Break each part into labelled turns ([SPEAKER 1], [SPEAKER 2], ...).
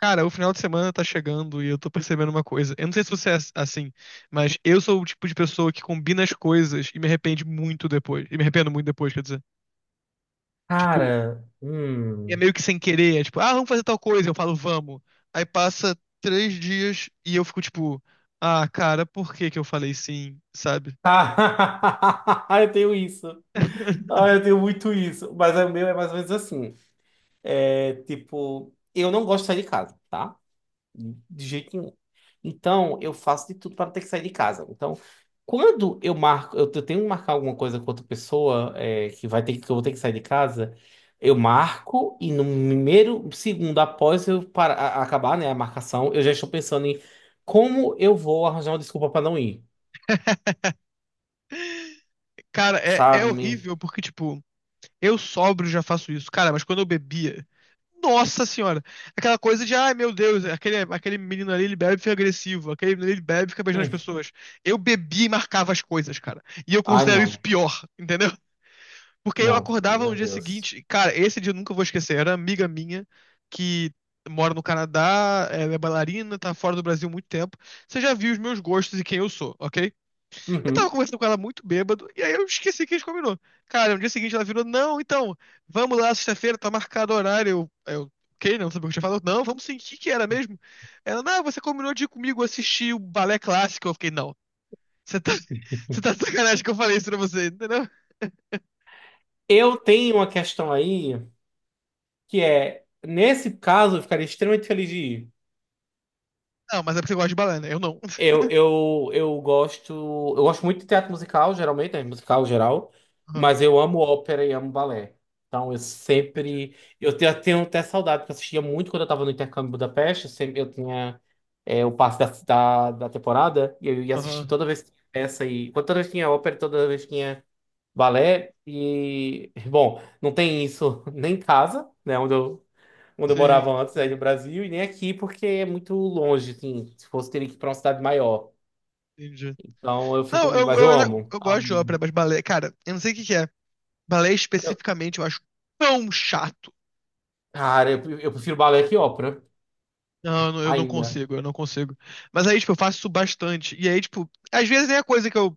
[SPEAKER 1] Cara, o final de semana tá chegando e eu tô percebendo uma coisa. Eu não sei se você é assim, mas eu sou o tipo de pessoa que combina as coisas e me arrepende muito depois. E me arrependo muito depois, quer dizer. Tipo,
[SPEAKER 2] Cara,
[SPEAKER 1] é
[SPEAKER 2] hum.
[SPEAKER 1] meio que sem querer. É tipo, ah, vamos fazer tal coisa. Eu falo, vamos. Aí passa três dias e eu fico tipo, ah, cara, por que que eu falei sim, sabe?
[SPEAKER 2] Tá. Eu tenho isso. Ah, eu tenho muito isso. Mas o meu é mais ou menos assim. É tipo, eu não gosto de sair de casa, tá? De jeito nenhum. Então, eu faço de tudo para não ter que sair de casa. Então, quando eu marco, eu tenho que marcar alguma coisa com outra pessoa, que vai ter que eu vou ter que sair de casa, eu marco e no primeiro segundo após acabar, né, a marcação, eu já estou pensando em como eu vou arranjar uma desculpa para não ir.
[SPEAKER 1] Cara, é
[SPEAKER 2] Sabe?
[SPEAKER 1] horrível porque, tipo, eu sóbrio já faço isso. Cara, mas quando eu bebia. Nossa senhora! Aquela coisa de, ai meu Deus, aquele menino ali ele bebe e fica agressivo, aquele menino ele bebe e fica beijando as
[SPEAKER 2] Hum.
[SPEAKER 1] pessoas. Eu bebia e marcava as coisas, cara. E eu
[SPEAKER 2] Ai,
[SPEAKER 1] considero
[SPEAKER 2] não,
[SPEAKER 1] isso pior, entendeu? Porque eu
[SPEAKER 2] não,
[SPEAKER 1] acordava no
[SPEAKER 2] meu
[SPEAKER 1] dia
[SPEAKER 2] Deus.
[SPEAKER 1] seguinte, cara, esse dia eu nunca vou esquecer. Era uma amiga minha que mora no Canadá, ela é bailarina, tá fora do Brasil há muito tempo. Você já viu os meus gostos e quem eu sou, ok? Eu tava
[SPEAKER 2] Uhum.
[SPEAKER 1] conversando com ela muito bêbado, e aí eu esqueci que a gente combinou. Cara, no dia seguinte ela virou, não, então, vamos lá, sexta-feira, tá marcado o horário. Ok, não sabia o que eu tinha falado. Não, vamos sim, o que que era mesmo? Ela, não, você combinou de ir comigo assistir o balé clássico. Eu fiquei, não, você tá, você tá de sacanagem que eu falei isso pra você, entendeu?
[SPEAKER 2] Eu tenho uma questão aí que é, nesse caso, eu ficaria extremamente feliz de ir.
[SPEAKER 1] Não, mas é porque você gosta de balé, né? Eu não.
[SPEAKER 2] Eu gosto, eu gosto muito de teatro musical, geralmente, né, musical geral,
[SPEAKER 1] Aham,
[SPEAKER 2] mas eu amo ópera e amo balé. Então, eu
[SPEAKER 1] entendi.
[SPEAKER 2] sempre, tenho até saudade, porque eu assistia muito quando eu estava no intercâmbio em Budapeste, eu sempre, eu tinha o passe da temporada, e eu ia assistir
[SPEAKER 1] Aham,
[SPEAKER 2] toda vez que tinha peça, e toda vez que tinha ópera, toda vez que tinha balé e, bom, não tem isso nem em casa, né, onde eu morava
[SPEAKER 1] sim,
[SPEAKER 2] antes aí no
[SPEAKER 1] sim,
[SPEAKER 2] Brasil, e nem aqui porque é muito longe, assim, se fosse teria que ir para uma cidade maior.
[SPEAKER 1] entendi.
[SPEAKER 2] Então eu fico,
[SPEAKER 1] Não,
[SPEAKER 2] mas eu amo.
[SPEAKER 1] eu gosto de ópera,
[SPEAKER 2] Amo.
[SPEAKER 1] mas balé, cara, eu não sei o que que é. Balé
[SPEAKER 2] Eu-
[SPEAKER 1] especificamente eu acho tão chato.
[SPEAKER 2] cara, eu prefiro balé que ópera
[SPEAKER 1] Não, eu não
[SPEAKER 2] ainda.
[SPEAKER 1] consigo, eu não consigo. Mas aí, tipo, eu faço isso bastante. E aí, tipo, às vezes é a coisa que eu.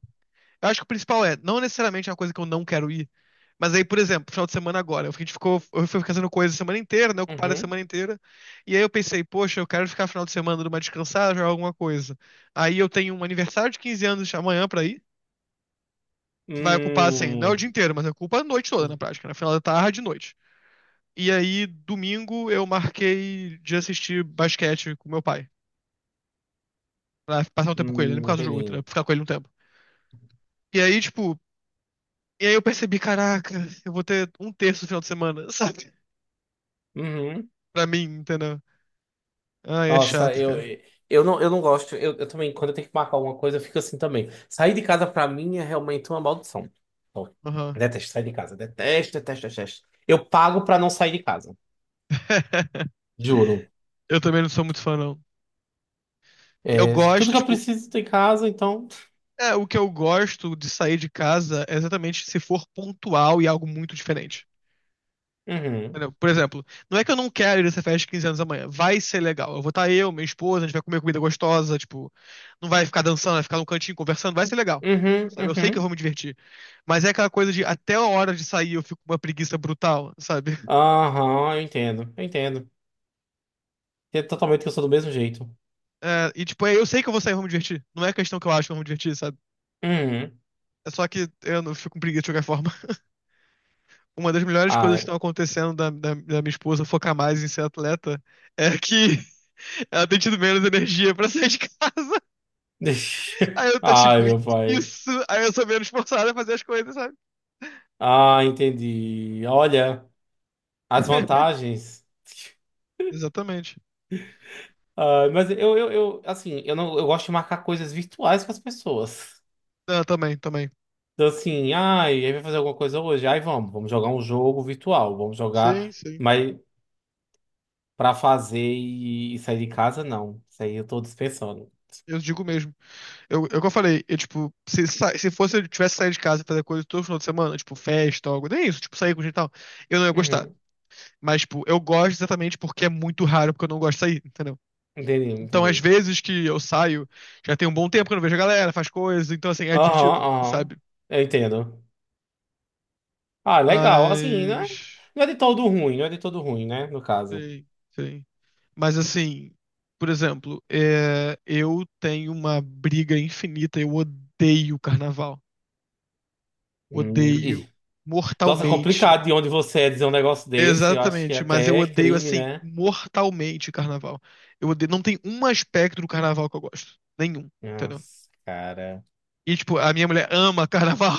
[SPEAKER 1] Eu acho que o principal é, não necessariamente é uma coisa que eu não quero ir. Mas aí, por exemplo, final de semana agora, a gente ficou, eu fui fazendo coisa a semana inteira, né? Ocupada a
[SPEAKER 2] Uhum.
[SPEAKER 1] semana inteira. E aí eu pensei, poxa, eu quero ficar final de semana numa descansada, jogar alguma coisa. Aí eu tenho um aniversário de 15 anos amanhã pra ir, que vai ocupar, assim, não é o
[SPEAKER 2] Hum,
[SPEAKER 1] dia inteiro, mas ocupa a noite toda, na prática, na final da tarde e noite. E aí, domingo, eu marquei de assistir basquete com meu pai. Pra passar um tempo com ele, nem por causa do jogo, entendeu?
[SPEAKER 2] entendi.
[SPEAKER 1] Pra ficar com ele um tempo. E aí, tipo, e aí eu percebi, caraca, eu vou ter um terço no final de semana, sabe?
[SPEAKER 2] Uhum.
[SPEAKER 1] Pra mim, entendeu? Ai, é
[SPEAKER 2] Nossa,
[SPEAKER 1] chato, cara.
[SPEAKER 2] eu não gosto. Eu também, quando eu tenho que marcar alguma coisa, eu fico assim também. Sair de casa pra mim é realmente uma maldição. Eu
[SPEAKER 1] Aham.
[SPEAKER 2] detesto sair de casa. Detesto, detesto, detesto. Eu pago pra não sair de casa. Juro.
[SPEAKER 1] Eu também não sou muito fã, não. Eu
[SPEAKER 2] É, tudo
[SPEAKER 1] gosto,
[SPEAKER 2] que eu
[SPEAKER 1] tipo,
[SPEAKER 2] preciso tem em casa, então.
[SPEAKER 1] é, o que eu gosto de sair de casa é exatamente se for pontual e algo muito diferente.
[SPEAKER 2] Uhum.
[SPEAKER 1] Entendeu? Por exemplo, não é que eu não quero ir nessa festa de 15 anos amanhã. Vai ser legal. Eu vou estar eu, minha esposa, a gente vai comer comida gostosa, tipo, não vai ficar dançando, vai ficar num cantinho conversando, vai ser legal.
[SPEAKER 2] Uhum,
[SPEAKER 1] Sabe? Eu sei que eu
[SPEAKER 2] uhum.
[SPEAKER 1] vou me divertir. Mas é aquela coisa de até a hora de sair eu fico com uma preguiça brutal, sabe?
[SPEAKER 2] Aham, eu entendo. Eu entendo. É totalmente que eu sou do mesmo jeito.
[SPEAKER 1] É, e tipo, é, eu sei que eu vou sair e vou me divertir. Não é questão que eu acho que eu vou me divertir, sabe?
[SPEAKER 2] Uhum.
[SPEAKER 1] É só que eu não fico com preguiça de qualquer forma. Uma das melhores coisas que
[SPEAKER 2] Ai.
[SPEAKER 1] estão acontecendo da minha esposa focar mais em ser atleta é que ela tem tido menos energia pra sair de casa. Aí eu tô tipo,
[SPEAKER 2] Ai, meu pai.
[SPEAKER 1] isso. Aí eu sou menos forçado a fazer as coisas, sabe?
[SPEAKER 2] Ah, entendi. Olha, as vantagens.
[SPEAKER 1] Exatamente.
[SPEAKER 2] Ah, mas assim, eu não, eu gosto de marcar coisas virtuais com as pessoas.
[SPEAKER 1] Ah, também, também.
[SPEAKER 2] Então, assim, ai, aí vai fazer alguma coisa hoje? Ai, vamos jogar um jogo virtual, vamos
[SPEAKER 1] Sim,
[SPEAKER 2] jogar,
[SPEAKER 1] sim.
[SPEAKER 2] mas pra fazer e sair de casa, não. Isso aí eu tô dispensando.
[SPEAKER 1] Eu digo mesmo. Eu que eu falei, eu, tipo, se, se fosse eu tivesse saído de casa e fazer coisa todo final de semana, tipo, festa, algo, nem isso, tipo, sair com gente e tal, eu não ia gostar.
[SPEAKER 2] Uhum,
[SPEAKER 1] Mas, tipo, eu gosto exatamente porque é muito raro, porque eu não gosto de sair, entendeu?
[SPEAKER 2] entendi,
[SPEAKER 1] Então, às
[SPEAKER 2] entendi.
[SPEAKER 1] vezes que eu saio, já tem um bom tempo que eu não vejo a galera, faz coisas então, assim, é
[SPEAKER 2] Aham,
[SPEAKER 1] divertido,
[SPEAKER 2] aham,
[SPEAKER 1] sabe?
[SPEAKER 2] eu entendo. Ah, legal, assim, não é,
[SPEAKER 1] Mas.
[SPEAKER 2] não é de todo ruim, não é de todo ruim, né, no caso.
[SPEAKER 1] Sim, sim. Mas assim, por exemplo, é, eu tenho uma briga infinita, eu odeio carnaval. Odeio
[SPEAKER 2] Ih, nossa, complicado
[SPEAKER 1] mortalmente.
[SPEAKER 2] de onde você é dizer um negócio desse, eu acho que é
[SPEAKER 1] Exatamente, mas eu
[SPEAKER 2] até
[SPEAKER 1] odeio
[SPEAKER 2] crime,
[SPEAKER 1] assim,
[SPEAKER 2] né?
[SPEAKER 1] mortalmente carnaval. Eu odeio, não tem um aspecto do carnaval que eu gosto, nenhum, entendeu?
[SPEAKER 2] Nossa, cara.
[SPEAKER 1] E tipo, a minha mulher ama carnaval.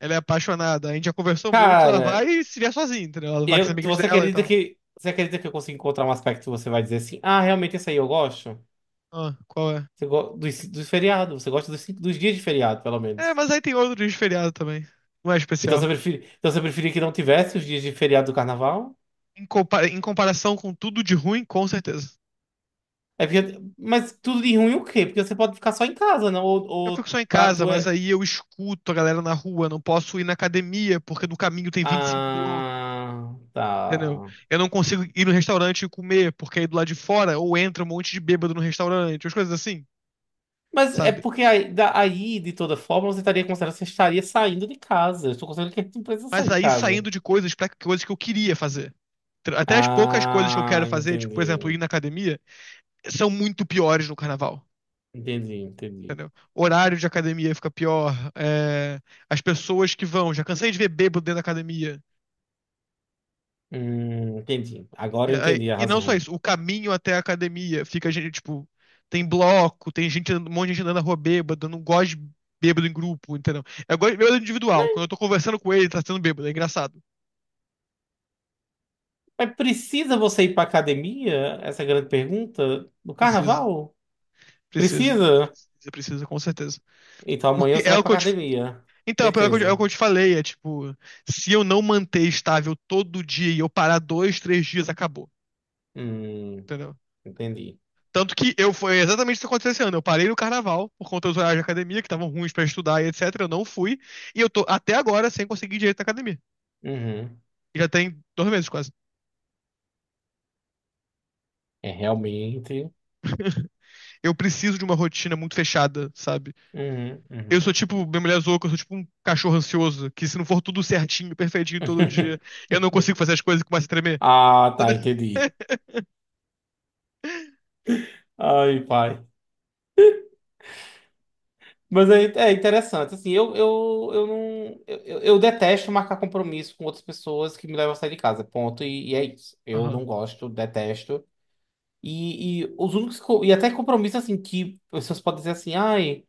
[SPEAKER 1] Ela é apaixonada. A gente já conversou muito, ela
[SPEAKER 2] Cara,
[SPEAKER 1] vai se vier sozinha, entendeu? Ela vai com as amigas dela e tal.
[SPEAKER 2] você acredita que eu consigo encontrar um aspecto que você vai dizer assim, ah, realmente esse aí eu gosto?
[SPEAKER 1] Ah, qual é?
[SPEAKER 2] Você go dos, dos feriados, você gosta dos, dos dias de feriado, pelo
[SPEAKER 1] É,
[SPEAKER 2] menos.
[SPEAKER 1] mas aí tem outro dia de feriado também. Não é
[SPEAKER 2] Então
[SPEAKER 1] especial.
[SPEAKER 2] você prefere, então você preferia que não tivesse os dias de feriado do carnaval?
[SPEAKER 1] Em comparação com tudo de ruim, com certeza.
[SPEAKER 2] É porque, mas tudo de ruim o quê? Porque você pode ficar só em casa, não?
[SPEAKER 1] Eu fico
[SPEAKER 2] Ou
[SPEAKER 1] só em
[SPEAKER 2] pra
[SPEAKER 1] casa,
[SPEAKER 2] tu
[SPEAKER 1] mas
[SPEAKER 2] é.
[SPEAKER 1] aí eu escuto a galera na rua, não posso ir na academia, porque no caminho tem 25 blocos,
[SPEAKER 2] Ah,
[SPEAKER 1] entendeu?
[SPEAKER 2] tá.
[SPEAKER 1] Eu não consigo ir no restaurante e comer, porque aí do lado de fora ou entra um monte de bêbado no restaurante, as coisas assim,
[SPEAKER 2] Mas é
[SPEAKER 1] sabe?
[SPEAKER 2] porque aí, aí, de toda forma, você estaria considerando que você estaria saindo de casa. Eu estou considerando que a gente não precisa
[SPEAKER 1] Mas
[SPEAKER 2] sair de
[SPEAKER 1] aí
[SPEAKER 2] casa.
[SPEAKER 1] saindo de coisas pra coisas que eu queria fazer. Até as poucas coisas que eu
[SPEAKER 2] Ah,
[SPEAKER 1] quero fazer, tipo, por exemplo, ir
[SPEAKER 2] entendi.
[SPEAKER 1] na academia, são muito piores no carnaval.
[SPEAKER 2] Entendi, entendi.
[SPEAKER 1] Entendeu? Horário de academia fica pior. É, as pessoas que vão, já cansei de ver bêbado dentro da academia.
[SPEAKER 2] Entendi. Agora
[SPEAKER 1] E,
[SPEAKER 2] eu
[SPEAKER 1] aí-
[SPEAKER 2] entendi a
[SPEAKER 1] e não só
[SPEAKER 2] razão.
[SPEAKER 1] isso, o caminho até a academia fica, gente, tipo, tem bloco, tem gente, um monte de gente andando na rua bêbado, eu não gosto de bêbado em grupo, entendeu? Eu gosto de bêbado individual. Quando eu tô conversando com ele, ele tá sendo bêbado, é engraçado.
[SPEAKER 2] Mas precisa você ir pra academia? Essa é a grande pergunta. No
[SPEAKER 1] Precisa,
[SPEAKER 2] carnaval? Precisa?
[SPEAKER 1] precisa, com certeza.
[SPEAKER 2] Então amanhã
[SPEAKER 1] Porque
[SPEAKER 2] você
[SPEAKER 1] é
[SPEAKER 2] vai
[SPEAKER 1] o
[SPEAKER 2] pra
[SPEAKER 1] que eu te...
[SPEAKER 2] academia.
[SPEAKER 1] Então, é o que eu te
[SPEAKER 2] Certeza.
[SPEAKER 1] falei, é tipo, se eu não manter estável todo dia e eu parar dois, três dias, acabou.
[SPEAKER 2] Hum,
[SPEAKER 1] Entendeu?
[SPEAKER 2] entendi.
[SPEAKER 1] Tanto que eu foi exatamente isso que aconteceu esse ano. Eu parei no carnaval por conta dos horários de academia, que estavam ruins pra estudar e etc. Eu não fui. E eu tô até agora sem conseguir direito na academia.
[SPEAKER 2] Uhum.
[SPEAKER 1] E já tem 2 meses quase.
[SPEAKER 2] É realmente.
[SPEAKER 1] Eu preciso de uma rotina muito fechada, sabe?
[SPEAKER 2] Uhum,
[SPEAKER 1] Eu
[SPEAKER 2] uhum.
[SPEAKER 1] sou tipo, minha mulher zoou que eu sou tipo um cachorro ansioso, que se não for tudo certinho, perfeitinho todo dia, eu não consigo fazer as coisas e começo a tremer.
[SPEAKER 2] Ah, tá, entendi. Ai, pai. Mas é, é interessante, assim, eu não... Eu eu detesto marcar compromisso com outras pessoas que me levam a sair de casa, ponto, e é isso. Eu
[SPEAKER 1] Aham.
[SPEAKER 2] não gosto, detesto. E os únicos... E até compromisso, assim, que pessoas podem dizer assim, ai...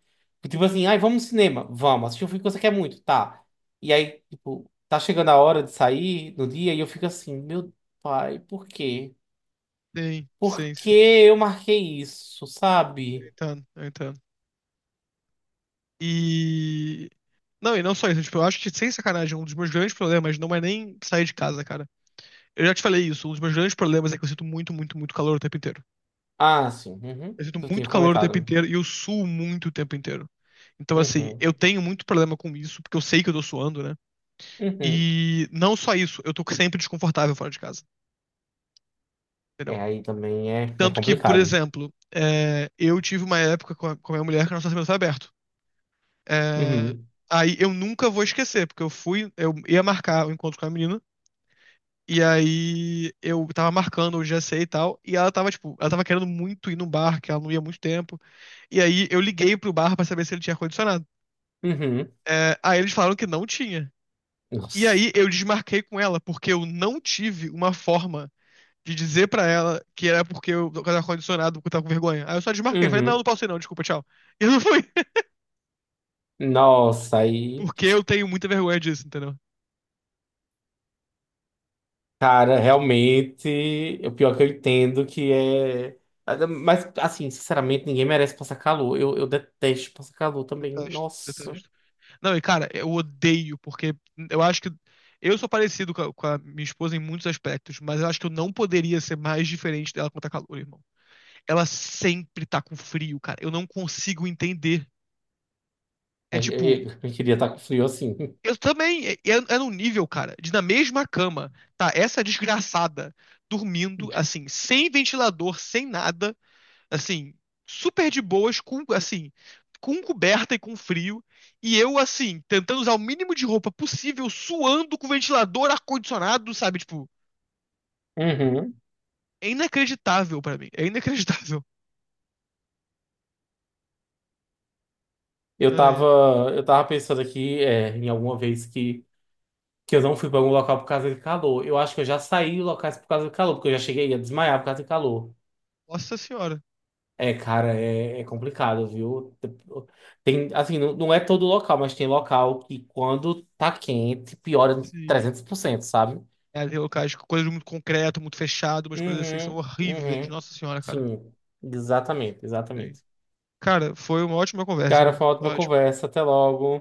[SPEAKER 2] Tipo assim, ai, vamos no cinema. Vamos, assistir um filme que você quer muito, tá. E aí, tipo, tá chegando a hora de sair no dia e eu fico assim, meu pai, por quê?
[SPEAKER 1] Sim,
[SPEAKER 2] Por
[SPEAKER 1] sim,
[SPEAKER 2] que
[SPEAKER 1] sim.
[SPEAKER 2] eu marquei isso,
[SPEAKER 1] Eu
[SPEAKER 2] sabe?
[SPEAKER 1] entendo, eu entendo. E. Não, e não só isso. Tipo, eu acho que, sem sacanagem, um dos meus grandes problemas não é nem sair de casa, cara. Eu já te falei isso, um dos meus grandes problemas é que eu sinto muito, muito, muito calor o tempo inteiro.
[SPEAKER 2] Ah, sim, uhum.
[SPEAKER 1] Eu sinto
[SPEAKER 2] Eu tinha
[SPEAKER 1] muito calor o tempo
[SPEAKER 2] comentado.
[SPEAKER 1] inteiro e eu suo muito o tempo inteiro. Então, assim,
[SPEAKER 2] Uhum.
[SPEAKER 1] eu tenho muito problema com isso, porque eu sei que eu tô suando, né?
[SPEAKER 2] Uhum.
[SPEAKER 1] E não só isso, eu tô sempre desconfortável fora de casa, entendeu?
[SPEAKER 2] É, aí também é, é
[SPEAKER 1] Tanto que, por
[SPEAKER 2] complicado.
[SPEAKER 1] exemplo, é, eu tive uma época com a, minha mulher que nosso relacionamento foi aberto. É,
[SPEAKER 2] Uhum.
[SPEAKER 1] aí eu nunca vou esquecer, porque eu fui, eu ia marcar o encontro com a menina. E aí eu tava marcando o GC e tal, e ela tava, tipo, ela tava querendo muito ir num bar, que ela não ia há muito tempo. E aí eu liguei pro bar pra saber se ele tinha ar-condicionado.
[SPEAKER 2] Uhum.
[SPEAKER 1] É, aí eles falaram que não tinha. E
[SPEAKER 2] Nossa.
[SPEAKER 1] aí eu desmarquei com ela, porque eu não tive uma forma de dizer pra ela que era porque eu tava ar-condicionado, porque eu tava com vergonha. Aí eu só desmarquei, falei, não,
[SPEAKER 2] Uhum.
[SPEAKER 1] não posso ir não, desculpa, tchau. E eu não fui,
[SPEAKER 2] Nossa, aí,
[SPEAKER 1] porque eu tenho muita vergonha disso, entendeu?
[SPEAKER 2] cara, realmente, o pior que eu entendo que é. Mas, assim, sinceramente, ninguém merece passar calor. Eu detesto passar calor também.
[SPEAKER 1] Detesto,
[SPEAKER 2] Nossa.
[SPEAKER 1] detesto. Não, e cara, eu odeio, porque eu acho que. Eu sou parecido com a, minha esposa em muitos aspectos, mas eu acho que eu não poderia ser mais diferente dela quando tá calor, irmão. Ela sempre tá com frio, cara. Eu não consigo entender. É
[SPEAKER 2] Aí,
[SPEAKER 1] tipo,
[SPEAKER 2] aí, eu queria estar com frio assim.
[SPEAKER 1] eu também. É num nível, cara, de na mesma cama, tá? Essa desgraçada dormindo, assim, sem ventilador, sem nada. Assim, super de boas, com, assim, com coberta e com frio, e eu, assim, tentando usar o mínimo de roupa possível, suando com ventilador, ar-condicionado, sabe? Tipo,
[SPEAKER 2] Uhum.
[SPEAKER 1] é inacreditável pra mim, é inacreditável.
[SPEAKER 2] Eu
[SPEAKER 1] Ai,
[SPEAKER 2] tava,
[SPEAKER 1] ai.
[SPEAKER 2] eu tava pensando aqui, em alguma vez que eu não fui pra algum local por causa de calor. Eu acho que eu já saí de locais por causa de calor, porque eu já cheguei a desmaiar por causa de calor.
[SPEAKER 1] Nossa senhora.
[SPEAKER 2] É, cara, é, é complicado, viu? Tem, assim, não, não é todo local, mas tem local que quando tá quente, piora
[SPEAKER 1] Sim.
[SPEAKER 2] 300%, sabe?
[SPEAKER 1] É, tem locais com coisas muito concreto, muito fechado, umas coisas assim que são
[SPEAKER 2] Uhum,
[SPEAKER 1] horríveis.
[SPEAKER 2] uhum.
[SPEAKER 1] Nossa senhora, cara.
[SPEAKER 2] Sim, exatamente,
[SPEAKER 1] Sim.
[SPEAKER 2] exatamente.
[SPEAKER 1] Cara, foi uma ótima conversa,
[SPEAKER 2] Cara,
[SPEAKER 1] irmão.
[SPEAKER 2] foi uma
[SPEAKER 1] Foi
[SPEAKER 2] ótima
[SPEAKER 1] ótimo.
[SPEAKER 2] conversa. Até logo.